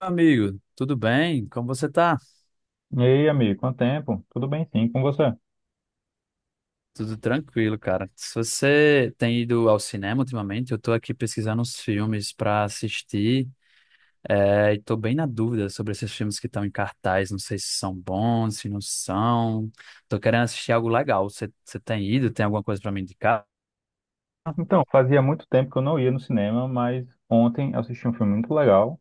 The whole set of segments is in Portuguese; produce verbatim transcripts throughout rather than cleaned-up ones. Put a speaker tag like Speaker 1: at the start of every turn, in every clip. Speaker 1: Amigo, tudo bem? Como você tá?
Speaker 2: E aí, amigo, quanto tempo? Tudo bem, sim, com você?
Speaker 1: Tudo tranquilo, cara. Se você tem ido ao cinema ultimamente, eu tô aqui pesquisando uns filmes pra assistir, é, e tô bem na dúvida sobre esses filmes que estão em cartaz, não sei se são bons, se não são. Tô querendo assistir algo legal. Você, você tem ido? Tem alguma coisa pra me indicar?
Speaker 2: Então, fazia muito tempo que eu não ia no cinema, mas ontem eu assisti um filme muito legal,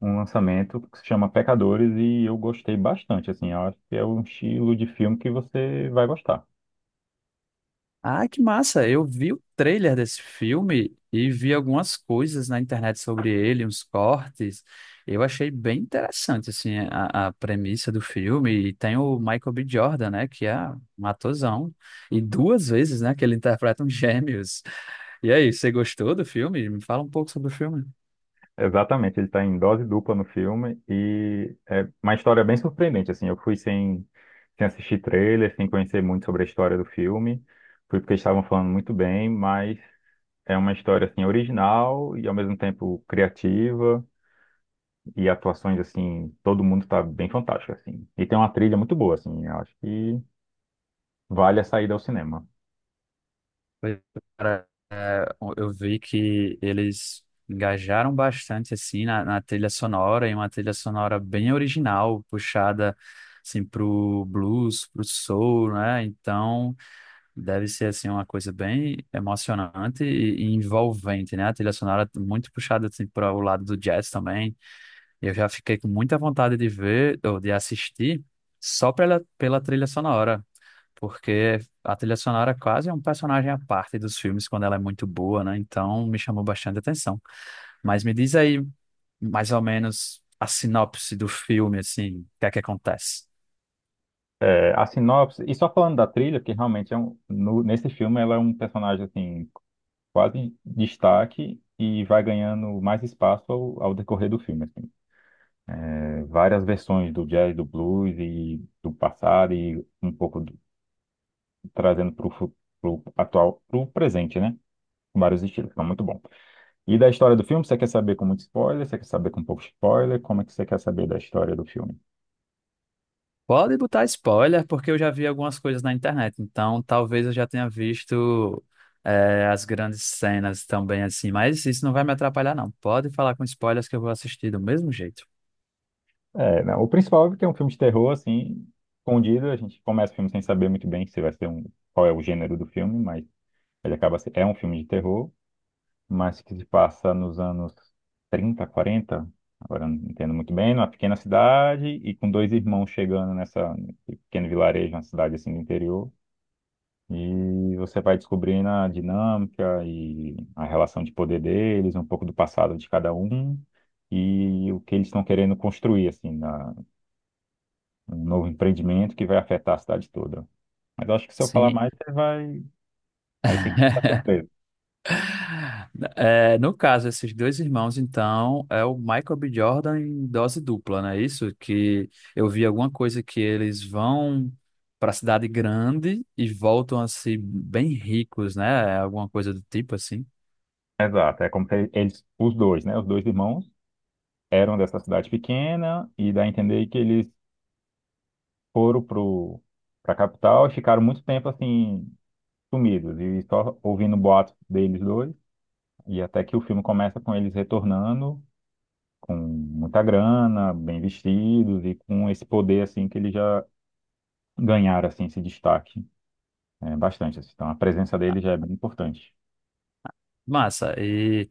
Speaker 2: um lançamento que se chama Pecadores e eu gostei bastante, assim, eu acho que é um estilo de filme que você vai gostar.
Speaker 1: Ah, que massa! Eu vi o trailer desse filme e vi algumas coisas na internet sobre ele, uns cortes. Eu achei bem interessante, assim, a, a premissa do filme. E tem o Michael B. Jordan, né, que é um atorzão. E duas vezes, né, que ele interpreta um gêmeos. E aí, você gostou do filme? Me fala um pouco sobre o filme.
Speaker 2: Exatamente, ele está em dose dupla no filme e é uma história bem surpreendente, assim, eu fui sem, sem assistir trailer, sem conhecer muito sobre a história do filme, fui porque estavam falando muito bem, mas é uma história, assim, original e ao mesmo tempo criativa, e atuações, assim, todo mundo tá bem fantástico, assim. E tem uma trilha muito boa, assim, eu acho que vale a saída ao cinema.
Speaker 1: Foi. Eu vi que eles engajaram bastante assim na, na trilha sonora, e uma trilha sonora bem original, puxada assim pro blues, pro soul, né? Então, deve ser assim uma coisa bem emocionante e, e envolvente, né? A trilha sonora muito puxada assim para o lado do jazz também. Eu já fiquei com muita vontade de ver ou de assistir só pela, pela trilha sonora porque a trilha sonora quase é um personagem à parte dos filmes quando ela é muito boa, né? Então me chamou bastante atenção. Mas me diz aí mais ou menos a sinopse do filme, assim, o que é que acontece?
Speaker 2: É, a sinopse, e só falando da trilha, que realmente é um, no- nesse filme ela é um personagem, assim, quase destaque e vai ganhando mais espaço ao, ao decorrer do filme, assim. É, várias versões do jazz, do blues e do passado e um pouco do- trazendo para o atual para o presente, né? Vários estilos, então muito bom. E da história do filme, você quer saber com muito spoiler? Você quer saber com pouco spoiler? Como é que você quer saber da história do filme?
Speaker 1: Pode botar spoiler, porque eu já vi algumas coisas na internet, então talvez eu já tenha visto é, as grandes cenas também, assim, mas isso não vai me atrapalhar, não. Pode falar com spoilers que eu vou assistir do mesmo jeito.
Speaker 2: É, não, o principal é que é um filme de terror, assim, escondido. A gente começa o filme sem saber muito bem se vai ser um, qual é o gênero do filme, mas ele acaba se- é um filme de terror, mas que se passa nos anos trinta, quarenta. Agora eu não entendo muito bem, numa pequena cidade e com dois irmãos chegando nessa nesse pequeno vilarejo, uma cidade assim do interior. E você vai descobrindo a dinâmica e a relação de poder deles, um pouco do passado de cada um e o que eles estão querendo construir, assim, na, um novo empreendimento que vai afetar a cidade toda. Mas eu acho que se eu falar
Speaker 1: Sim.
Speaker 2: mais, você vai. Aí tem que ficar surpreso.
Speaker 1: É, no caso, esses dois irmãos, então, é o Michael B. Jordan em dose dupla, né? Isso que eu vi alguma coisa que eles vão para a cidade grande e voltam a ser bem ricos, né? Alguma coisa do tipo assim.
Speaker 2: Exato, é como se eles, os dois, né? Os dois irmãos eram dessa cidade pequena e dá a entender que eles foram pro, pra capital e ficaram muito tempo, assim, sumidos e só ouvindo boatos deles dois. E até que o filme começa com eles retornando com muita grana, bem vestidos e com esse poder assim que eles já ganharam assim esse destaque, é, bastante, assim. Então a presença dele já é bem importante.
Speaker 1: Massa. E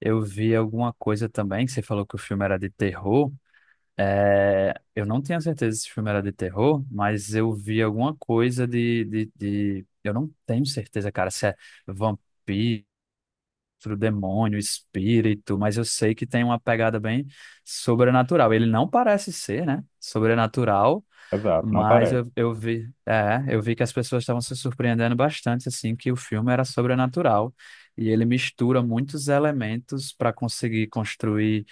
Speaker 1: eu vi alguma coisa também que você falou que o filme era de terror. É, eu não tenho certeza se o filme era de terror, mas eu vi alguma coisa de, de, de... Eu não tenho certeza, cara, se é vampiro, monstro, demônio, espírito, mas eu sei que tem uma pegada bem sobrenatural. Ele não parece ser, né? Sobrenatural,
Speaker 2: Exato, não
Speaker 1: mas
Speaker 2: parece.
Speaker 1: eu, eu vi, é, eu vi que as pessoas estavam se surpreendendo bastante, assim, que o filme era sobrenatural. E ele mistura muitos elementos para conseguir construir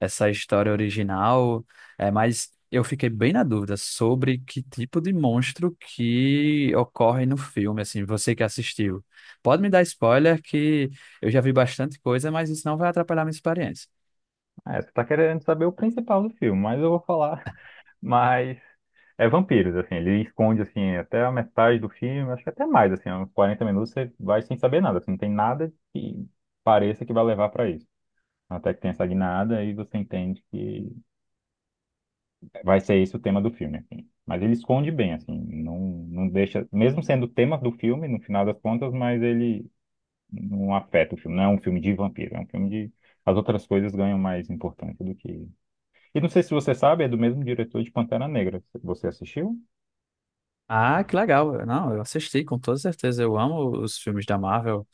Speaker 1: essa história original, é, mas eu fiquei bem na dúvida sobre que tipo de monstro que ocorre no filme, assim, você que assistiu. Pode me dar spoiler que eu já vi bastante coisa, mas isso não vai atrapalhar minha experiência.
Speaker 2: É, você tá querendo saber o principal do filme, mas eu vou falar. Mas é vampiros, assim, ele esconde assim até a metade do filme, acho que até mais, assim, uns quarenta minutos você vai sem saber nada, assim, não tem nada que pareça que vai levar para isso. Até que tem essa guinada e você entende que vai ser esse o tema do filme, assim. Mas ele esconde bem, assim, não, não deixa, mesmo sendo o tema do filme, no final das contas, mas ele não afeta o filme. Não é um filme de vampiro, é um filme de. As outras coisas ganham mais importância do que. E não sei se você sabe, é do mesmo diretor de Pantera Negra. Você assistiu?
Speaker 1: Ah, que legal. Não, eu assisti com toda certeza. Eu amo os filmes da Marvel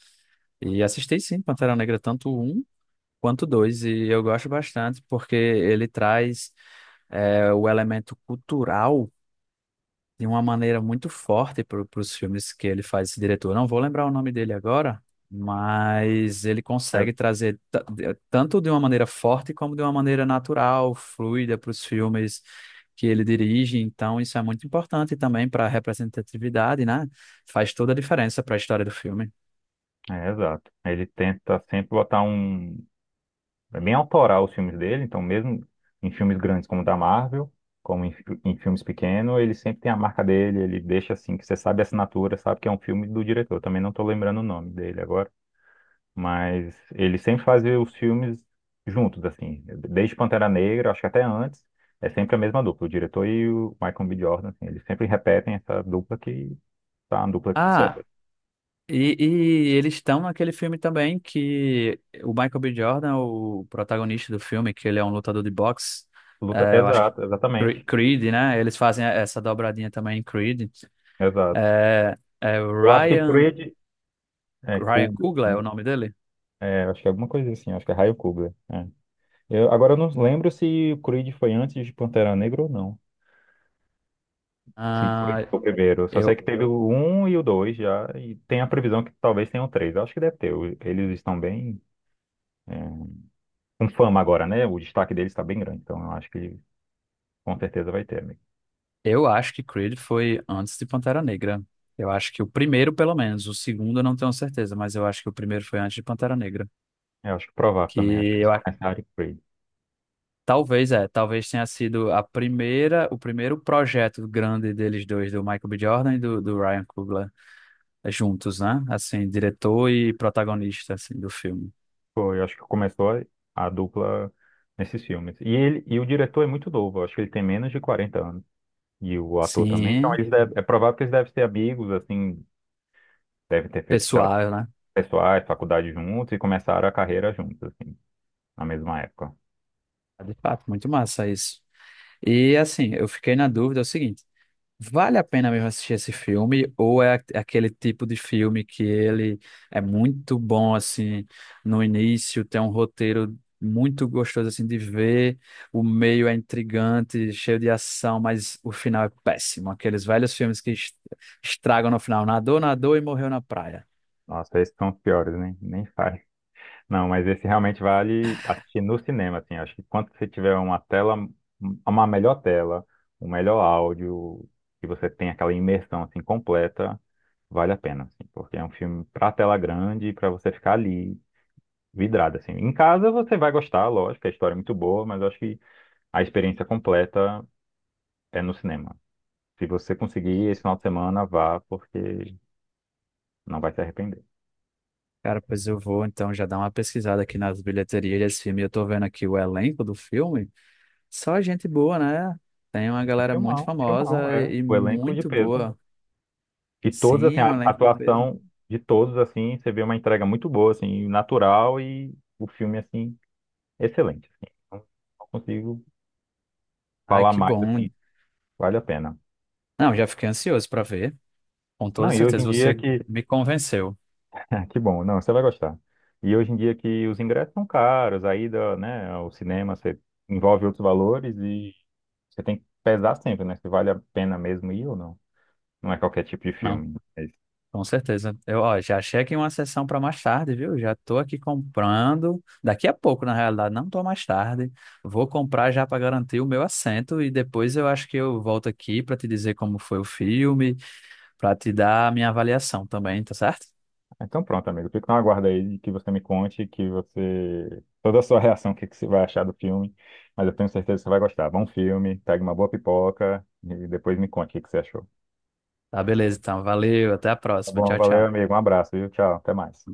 Speaker 1: e assisti sim Pantera Negra, tanto o um quanto o dois, e eu gosto bastante porque ele traz é, o elemento cultural de uma maneira muito forte para os filmes que ele faz, esse diretor. Não vou lembrar o nome dele agora, mas ele
Speaker 2: É,
Speaker 1: consegue trazer ta- de- tanto de uma maneira forte como de uma maneira natural, fluida para os filmes que ele dirige. Então, isso é muito importante também para a representatividade, né? Faz toda a diferença para a história do filme.
Speaker 2: é, exato. Ele tenta sempre botar um, é bem autoral os filmes dele, então mesmo em filmes grandes como o da Marvel, como em, fi- em filmes pequenos, ele sempre tem a marca dele, ele deixa assim, que você sabe a assinatura, sabe que é um filme do diretor. Eu também não estou lembrando o nome dele agora, mas ele sempre faz os filmes juntos, assim, desde Pantera Negra, acho que até antes, é sempre a mesma dupla, o diretor e o Michael B. Jordan, assim, eles sempre repetem essa dupla que tá uma dupla de
Speaker 1: Ah.
Speaker 2: sucesso.
Speaker 1: E, e eles estão naquele filme também que o Michael B. Jordan, o protagonista do filme, que ele é um lutador de boxe,
Speaker 2: Luta,
Speaker 1: é, eu acho que
Speaker 2: exato,
Speaker 1: Cre-
Speaker 2: exatamente,
Speaker 1: Creed, né? Eles fazem essa dobradinha também em Creed.
Speaker 2: exato.
Speaker 1: É, é o
Speaker 2: Eu acho que Luta.
Speaker 1: Ryan,
Speaker 2: Creed é
Speaker 1: Ryan
Speaker 2: cool.
Speaker 1: Coogler é o nome dele?
Speaker 2: É, acho que é alguma coisa assim, acho que é Raio Cobra. É. Eu, agora eu não lembro se o Creed foi antes de Pantera Negra ou não. Se o Creed
Speaker 1: Ah,
Speaker 2: foi o primeiro. Só sei que
Speaker 1: eu,
Speaker 2: teve o um e o dois já, e tem a previsão que talvez tenha o três. Acho que deve ter. O- Eles estão bem, é, com fama agora, né? O destaque deles está bem grande, então eu acho que com certeza vai ter, amigo.
Speaker 1: eu acho que Creed foi antes de Pantera Negra. Eu acho que o primeiro, pelo menos. O segundo eu não tenho certeza, mas eu acho que o primeiro foi antes de Pantera Negra.
Speaker 2: É, eu acho que provável também, acho
Speaker 1: Que
Speaker 2: que
Speaker 1: eu.
Speaker 2: só nessa área Creed.
Speaker 1: Talvez é, talvez tenha sido a primeira, o primeiro projeto grande deles dois, do Michael B. Jordan e do, do Ryan Coogler, é, juntos, né? Assim, diretor e protagonista, assim, do filme.
Speaker 2: Foi, eu acho que começou a, a dupla nesses filmes. E, ele, e o diretor é muito novo, eu acho que ele tem menos de quarenta anos. E o ator também. Então,
Speaker 1: Sim,
Speaker 2: eles deve- é provável que eles devem ser amigos, assim, devem ter feito, sei lá,
Speaker 1: pessoal, né?
Speaker 2: pessoais, faculdade juntos e começaram a carreira juntos, assim, na mesma época.
Speaker 1: De fato, muito massa isso. E assim, eu fiquei na dúvida é o seguinte, vale a pena mesmo assistir esse filme, ou é a- aquele tipo de filme que ele é muito bom, assim, no início, tem um roteiro muito gostoso, assim, de ver, o meio é intrigante, cheio de ação, mas o final é péssimo, aqueles velhos filmes que es- estragam no final, nadou, nadou e morreu na praia.
Speaker 2: Nossa, esses são os piores, né? Nem faz. Não, mas esse realmente vale assistir no cinema, assim. Acho que quando você tiver uma tela, uma melhor tela, um melhor áudio, que você tem aquela imersão, assim, completa, vale a pena, assim, porque é um filme pra tela grande, pra você ficar ali vidrado, assim. Em casa você vai gostar, lógico, a história é muito boa, mas eu acho que a experiência completa é no cinema. Se você conseguir esse final de semana, vá, porque não vai se arrepender.
Speaker 1: Cara, pois eu vou, então, já dar uma pesquisada aqui nas bilheterias desse filme, eu tô vendo aqui o elenco do filme, só gente boa, né? Tem uma
Speaker 2: Um
Speaker 1: galera muito
Speaker 2: filmão, um filmão,
Speaker 1: famosa
Speaker 2: é.
Speaker 1: e e
Speaker 2: O elenco de
Speaker 1: muito
Speaker 2: peso.
Speaker 1: boa.
Speaker 2: E todos, assim,
Speaker 1: Sim,
Speaker 2: a
Speaker 1: um
Speaker 2: a
Speaker 1: elenco de peso.
Speaker 2: atuação de todos, assim, você vê uma entrega muito boa, assim, natural e o filme, assim, excelente, assim. Não não consigo
Speaker 1: Ai,
Speaker 2: falar
Speaker 1: que
Speaker 2: mais,
Speaker 1: bom.
Speaker 2: assim, vale a pena.
Speaker 1: Não, já fiquei ansioso para ver. Com
Speaker 2: Não,
Speaker 1: toda
Speaker 2: e hoje
Speaker 1: certeza
Speaker 2: em dia
Speaker 1: você
Speaker 2: que
Speaker 1: me convenceu.
Speaker 2: ah, que bom, não, você vai gostar. E hoje em dia que os ingressos são caros, a ida, né, ao cinema você envolve outros valores e você tem que pesar sempre, né, se vale a pena mesmo ir ou não. Não é qualquer tipo de
Speaker 1: Não,
Speaker 2: filme. É
Speaker 1: com certeza. Eu, ó, já achei aqui uma sessão para mais tarde, viu? Já tô aqui comprando. Daqui a pouco, na realidade, não tô mais tarde. Vou comprar já para garantir o meu assento e depois eu acho que eu volto aqui para te dizer como foi o filme, para te dar a minha avaliação também, tá certo?
Speaker 2: então pronto, amigo, fico na aguarda aí de que você me conte, que você... toda a sua reação, o que que você vai achar do filme, mas eu tenho certeza que você vai gostar. Bom filme, pegue uma boa pipoca e depois me conte o que que você achou.
Speaker 1: Tá, beleza, então. Valeu, até a
Speaker 2: Tá
Speaker 1: próxima.
Speaker 2: bom,
Speaker 1: Tchau,
Speaker 2: valeu,
Speaker 1: tchau.
Speaker 2: amigo, um abraço, viu? Tchau, até mais.